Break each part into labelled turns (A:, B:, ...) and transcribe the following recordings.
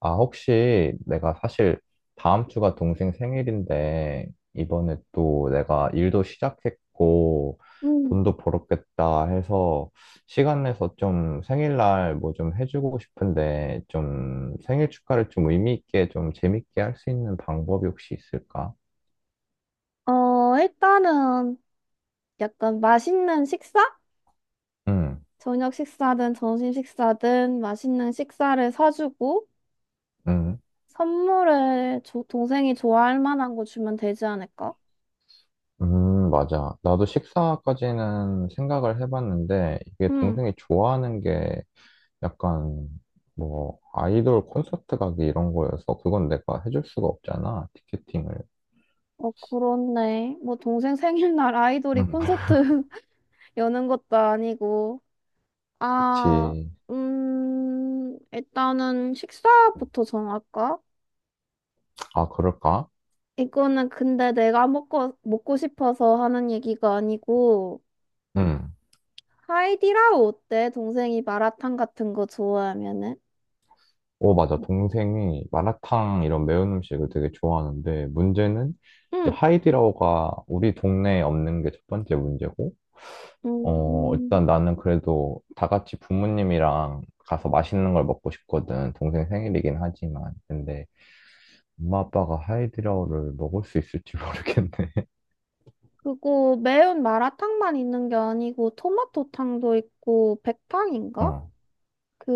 A: 아, 혹시 내가 사실 다음 주가 동생 생일인데, 이번에 또 내가 일도 시작했고,
B: 음.
A: 돈도 벌었겠다 해서, 시간 내서 좀 생일날 뭐 좀 해주고 싶은데, 좀 생일 축하를 좀 의미 있게 좀 재밌게 할 수 있는 방법이 혹시 있을까?
B: 어, 일단은 약간 맛있는 식사?
A: 응,
B: 저녁 식사든 점심 식사든 맛있는 식사를 사주고
A: 응,
B: 선물을 동생이 좋아할 만한 거 주면 되지 않을까?
A: 맞아. 나도 식사까지는 생각을 해봤는데, 이게
B: 음.
A: 동생이 좋아하는 게 약간 뭐 아이돌 콘서트 가기 이런 거여서 그건 내가 해줄 수가 없잖아 티켓팅을.
B: 어, 그렇네. 뭐 동생 생일날 아이돌이
A: 음.
B: 콘서트 여는 것도 아니고. 아,
A: 그치.
B: 일단은 식사부터 정할까?
A: 아, 그럴까?
B: 이거는 근데 내가 먹고 싶어서 하는 얘기가 아니고
A: 응.
B: 하이디라우 어때? 동생이 마라탕 같은 거 좋아하면은?
A: 오, 맞아. 동생이 마라탕 이런 매운 음식을 되게 좋아하는데 문제는 이제
B: 응.
A: 하이디라오가 우리 동네에 없는 게 첫 번째 문제고. 어,
B: 음,
A: 일단 나는 그래도 다 같이 부모님이랑 가서 맛있는 걸 먹고 싶거든. 동생 생일이긴 하지만 근데 엄마 아빠가 하이디라오를 먹을 수 있을지 모르겠네.
B: 그거 매운 마라탕만 있는 게 아니고 토마토탕도 있고 백탕인가?
A: 어.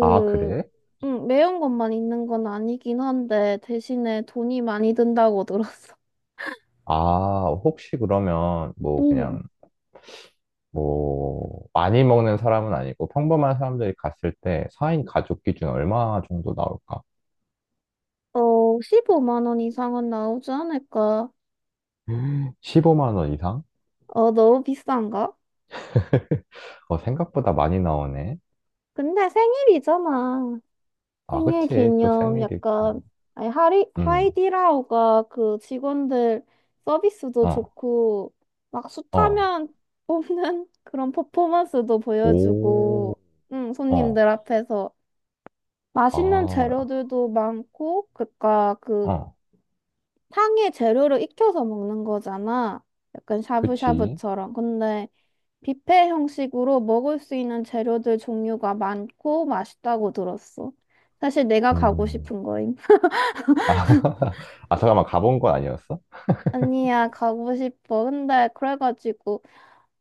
A: 아, 그래?
B: 응, 매운 것만 있는 건 아니긴 한데 대신에 돈이 많이 든다고 들었어.
A: 아, 혹시 그러면 뭐
B: 응.
A: 그냥 뭐 많이 먹는 사람은 아니고 평범한 사람들이 갔을 때 4인 가족 기준 얼마 정도 나올까?
B: 어, 15만 원 이상은 나오지 않을까?
A: 15만 원 이상?
B: 어, 너무 비싼가?
A: 어, 생각보다 많이 나오네.
B: 근데 생일이잖아.
A: 아,
B: 생일
A: 그치. 또
B: 기념
A: 생일이고.
B: 약간 아니
A: 음,
B: 하이디라오가 그 직원들 서비스도
A: 어,
B: 좋고 막
A: 어,
B: 숱하면 뽑는 그런 퍼포먼스도
A: 오,
B: 보여주고 응,
A: 어,
B: 손님들 앞에서 맛있는
A: 아,
B: 재료들도 많고 그니까 그
A: 어,
B: 탕에 재료를 익혀서 먹는 거잖아. 약간
A: 그치.
B: 샤브샤브처럼. 근데 뷔페 형식으로 먹을 수 있는 재료들 종류가 많고 맛있다고 들었어. 사실 내가 가고
A: 음,
B: 싶은 거임.
A: 아, 아, 잠깐만, 가본 건 아니었어?
B: 아니야, 가고 싶어. 근데 그래가지고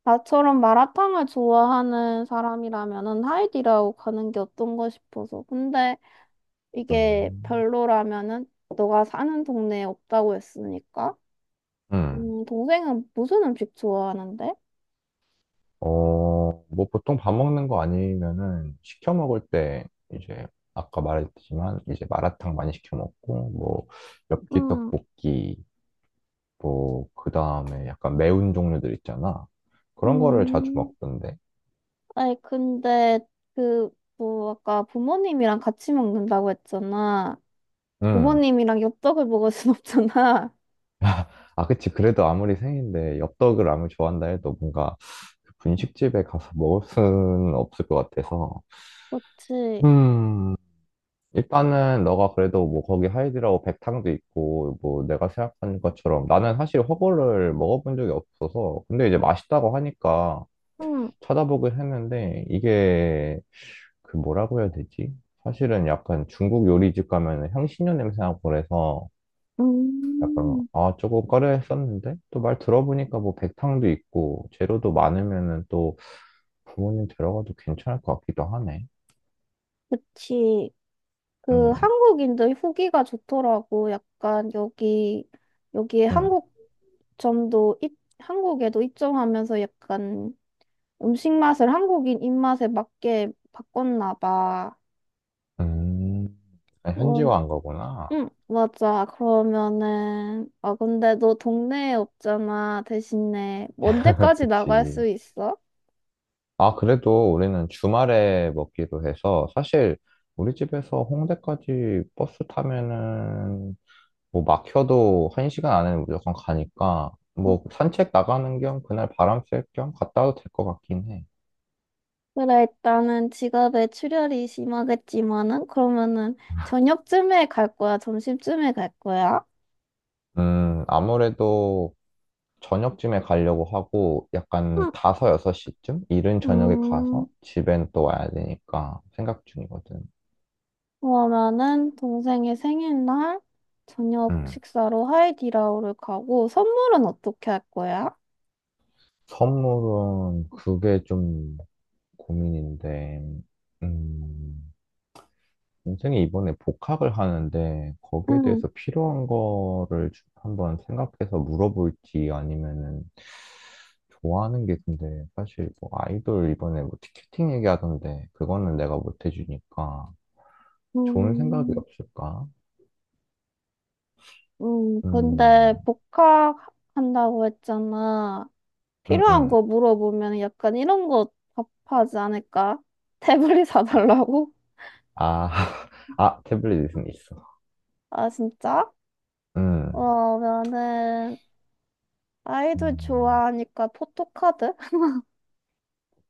B: 나처럼 마라탕을 좋아하는 사람이라면은 하이디라고 가는 게 어떤가 싶어서. 근데 이게
A: 음,
B: 별로라면은 너가 사는 동네에 없다고 했으니까.
A: 음.
B: 동생은 무슨 음식 좋아하는데?
A: 어, 뭐 보통 밥 먹는 거 아니면은 시켜 먹을 때 이제 아까 말했지만 이제 마라탕 많이 시켜 먹고 뭐 엽기
B: 음,
A: 떡볶이 뭐 그다음에 약간 매운 종류들 있잖아. 그런 거를 자주
B: 음.
A: 먹던데.
B: 아니, 근데 그, 뭐, 아까 부모님이랑 같이 먹는다고 했잖아.
A: 음.
B: 부모님이랑 엽떡을 먹을 순 없잖아.
A: 아, 그치. 그래도 아무리 생인데 엽떡을 아무리 좋아한다 해도 뭔가 그 분식집에 가서 먹을 수는 없을 것 같아서.
B: 그치.
A: 음. 일단은 너가 그래도 뭐 거기 하이드라고 백탕도 있고 뭐 내가 생각한 것처럼 나는 사실 허거를 먹어본 적이 없어서 근데 이제 맛있다고 하니까
B: 응.
A: 찾아보긴 했는데 이게 그 뭐라고 해야 되지? 사실은 약간 중국 요리집 가면 향신료 냄새 나고 그래서 약간
B: 음.
A: 아, 조금 꺼려했었는데 또 말 들어보니까 뭐 백탕도 있고 재료도 많으면은 또 부모님 데려가도 괜찮을 것 같기도 하네.
B: 그치. 그
A: 음,
B: 한국인들 후기가 좋더라고. 약간 여기에
A: 음.
B: 한국점도 한국에도 입점하면서 약간 음식 맛을 한국인 입맛에 맞게 바꿨나 봐.
A: 음, 아,
B: 음
A: 현지화한 거구나.
B: 응, 맞아. 그러면은, 아, 근데 너 동네에 없잖아. 대신에, 언제까지 나갈
A: 그치.
B: 수 있어?
A: 아, 그래도 우리는 주말에 먹기로 해서 사실 우리 집에서 홍대까지 버스 타면은 뭐 막혀도 한 시간 안에는 무조건 가니까 뭐 산책 나가는 겸 그날 바람 쐴 겸 갔다 와도 될 것 같긴 해.
B: 그래, 일단은 지갑에 출혈이 심하겠지만은, 그러면은 저녁쯤에 갈 거야? 점심쯤에 갈 거야?
A: 아무래도 저녁쯤에 가려고 하고 약간
B: 응,
A: 5, 6시쯤 이른 저녁에
B: 음,
A: 가서 집엔 또 와야 되니까 생각 중이거든.
B: 그러면은 동생의 생일날 저녁
A: 음.
B: 식사로 하이디라오를 가고, 선물은 어떻게 할 거야?
A: 선물은 그게 좀 고민인데, 음, 동생이 이번에 복학을 하는데, 거기에
B: 응,
A: 대해서 필요한 거를 한번 생각해서 물어볼지 아니면은, 좋아하는 게 근데, 사실 뭐 아이돌 이번에 뭐 티켓팅 얘기하던데, 그거는 내가 못 해주니까, 좋은 생각이
B: 음,
A: 없을까?
B: 근데
A: 음,
B: 복학한다고 했잖아.
A: 음,
B: 필요한
A: 음.
B: 거 물어보면 약간 이런 거 답하지 않을까? 태블릿 사달라고?
A: 아, 아, 태블릿은 있어.
B: 아, 진짜?
A: 음.
B: 어, 나는 아이돌
A: 음.
B: 좋아하니까 포토카드?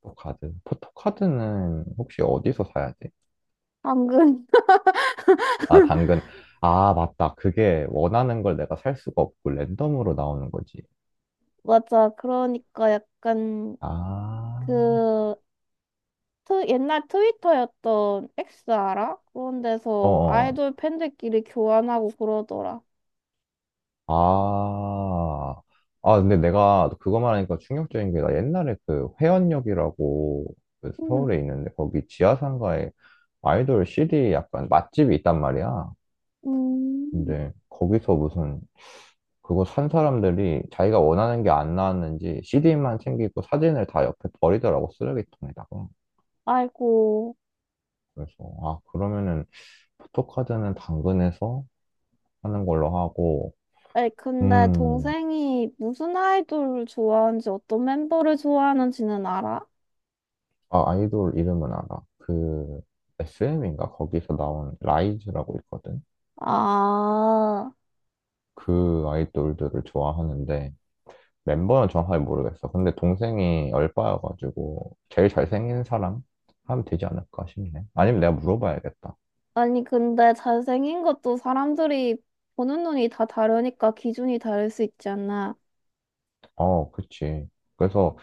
A: 포토카드. 포토카드는 혹시 어디서 사야 돼?
B: 방금.
A: 아, 당근. 아, 맞다. 그게 원하는 걸 내가 살 수가 없고 랜덤으로 나오는 거지.
B: 맞아. 그러니까 약간
A: 아,
B: 그 옛날 트위터였던 X 알아? 그런 데서
A: 어어.
B: 아이돌 팬들끼리 교환하고 그러더라.
A: 아. 아, 근데 내가 그거 말하니까 충격적인 게 나 옛날에 그 회원역이라고 그
B: 음,
A: 서울에 있는데 거기 지하상가에 아이돌 CD 약간 맛집이 있단 말이야.
B: 음.
A: 근데 거기서 무슨 그거 산 사람들이 자기가 원하는 게 안 나왔는지 CD만 챙기고 사진을 다 옆에 버리더라고, 쓰레기통에다가.
B: 아이고.
A: 그래서, 아, 그러면은 포토카드는 당근에서 하는 걸로 하고,
B: 아니, 근데
A: 음,
B: 동생이 무슨 아이돌을 좋아하는지 어떤 멤버를 좋아하는지는 알아?
A: 아, 아이돌 이름은 알아. 그, SM인가? 거기서 나온 라이즈라고 있거든?
B: 아.
A: 그 아이돌들을 좋아하는데, 멤버는 정확하게 모르겠어. 근데 동생이 얼빠여가지고, 제일 잘생긴 사람? 하면 되지 않을까 싶네. 아니면 내가 물어봐야겠다.
B: 아니, 근데 잘생긴 것도 사람들이 보는 눈이 다 다르니까 기준이 다를 수 있지 않나.
A: 어, 그치. 그래서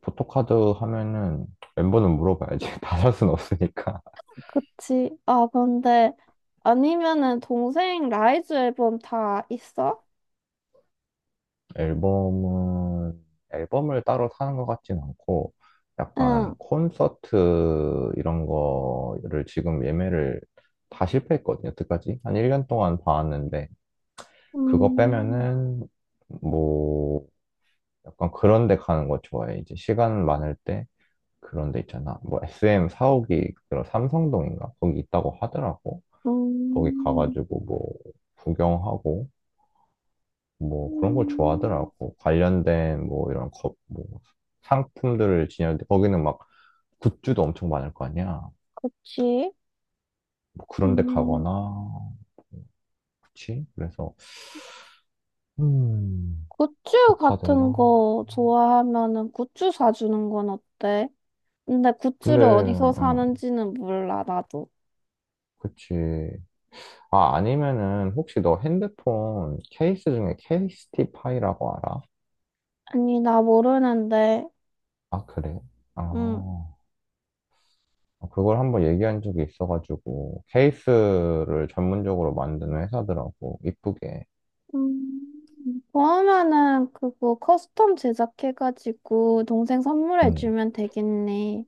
A: 포토카드 하면은 멤버는 물어봐야지. 다 살 순 없으니까.
B: 그치? 아, 근데 아니면은 동생 라이즈 앨범 다 있어?
A: 앨범은, 앨범을 따로 사는 것 같진 않고,
B: 응.
A: 약간 콘서트 이런 거를 지금 예매를 다 실패했거든요, 여태까지. 한 1년 동안 봐왔는데, 그거
B: 음,
A: 빼면은, 뭐, 약간 그런 데 가는 거 좋아해. 이제 시간 많을 때, 그런 데 있잖아. 뭐, SM 사옥이, 그런 삼성동인가? 거기 있다고 하더라고. 거기
B: 음,
A: 가가지고 뭐 구경하고 뭐 그런 걸
B: 음,
A: 좋아하더라고. 관련된 뭐 이런 거, 뭐 상품들을 지녔는데 거기는 막 굿즈도 엄청 많을 거 아니야.
B: 그치?
A: 뭐 그런 데
B: 음,
A: 가거나 뭐 그치? 그래서 음,
B: 굿즈 같은
A: 포토카드랑
B: 거 좋아하면은 굿즈 사주는 건 어때? 근데
A: 근데
B: 굿즈를 어디서
A: 응,
B: 사는지는 몰라, 나도.
A: 그치. 아, 아니면은 혹시 너 핸드폰 케이스 중에 케이스티파이라고 알아?
B: 아니, 나 모르는데.
A: 아, 그래? 아,
B: 음.
A: 어, 그걸 한번 얘기한 적이 있어가지고 케이스를 전문적으로 만드는 회사더라고 이쁘게.
B: 음, 그러면은 그거 커스텀 제작해가지고 동생
A: 음.
B: 선물해주면 되겠네.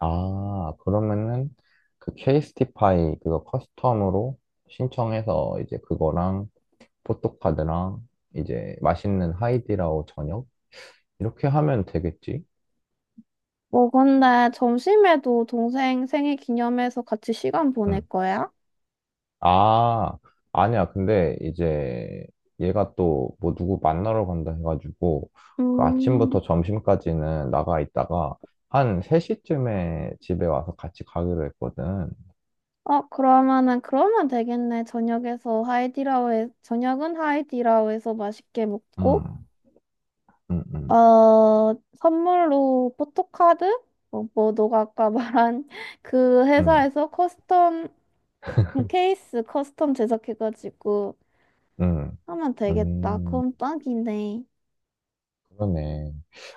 A: 아, 그러면은 그 케이스티파이 그거 커스텀으로 신청해서 이제 그거랑 포토카드랑 이제 맛있는 하이디라오 저녁 이렇게 하면 되겠지?
B: 뭐 근데 점심에도 동생 생일 기념해서 같이 시간 보낼
A: 음.
B: 거야?
A: 아, 아니야. 근데 이제 얘가 또 뭐 누구 만나러 간다 해가지고 그
B: 음,
A: 아침부터 점심까지는 나가 있다가 한 3시쯤에 집에 와서 같이 가기로 했거든.
B: 어, 그러면은 그러면 되겠네. 저녁은 하이디라오에서 맛있게 먹고,
A: 음, 음, 음,
B: 어, 선물로 포토카드? 뭐, 뭐 너가 아까 말한 그
A: 음,
B: 회사에서 커스텀 케이스 커스텀 제작해가지고
A: 음,
B: 하면 되겠다.
A: 음,
B: 그럼 딱이네.
A: 그러네.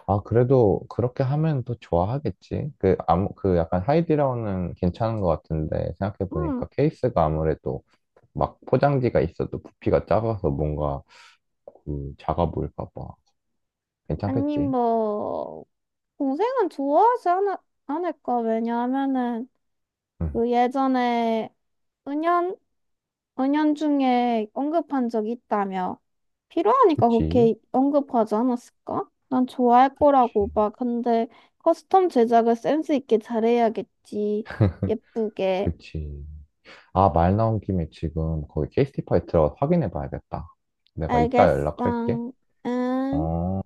A: 아, 그래도 그렇게 하면 또 좋아하겠지. 그, 그 약간 하이디라운은 괜찮은 것 같은데
B: 응,
A: 생각해보니까 케이스가 아무래도 막 포장지가 있어도 부피가 작아서 뭔가 그 자가 보일까 봐.
B: 아니,
A: 괜찮겠지?
B: 뭐, 동생은 않을까? 왜냐하면은,
A: 응,
B: 그 예전에 은연, 은연 중에 언급한 적이 있다며. 필요하니까
A: 그치?
B: 그렇게 언급하지 않았을까? 난 좋아할
A: 그치.
B: 거라고 봐. 근데 커스텀 제작을 센스 있게 잘해야겠지. 예쁘게.
A: 그치. 아, 말 나온 김에 지금 거기 케이스티파이 들어가서 확인해 봐야겠다. 내가 이따 연락할게.
B: 알겠어. 응.
A: 어.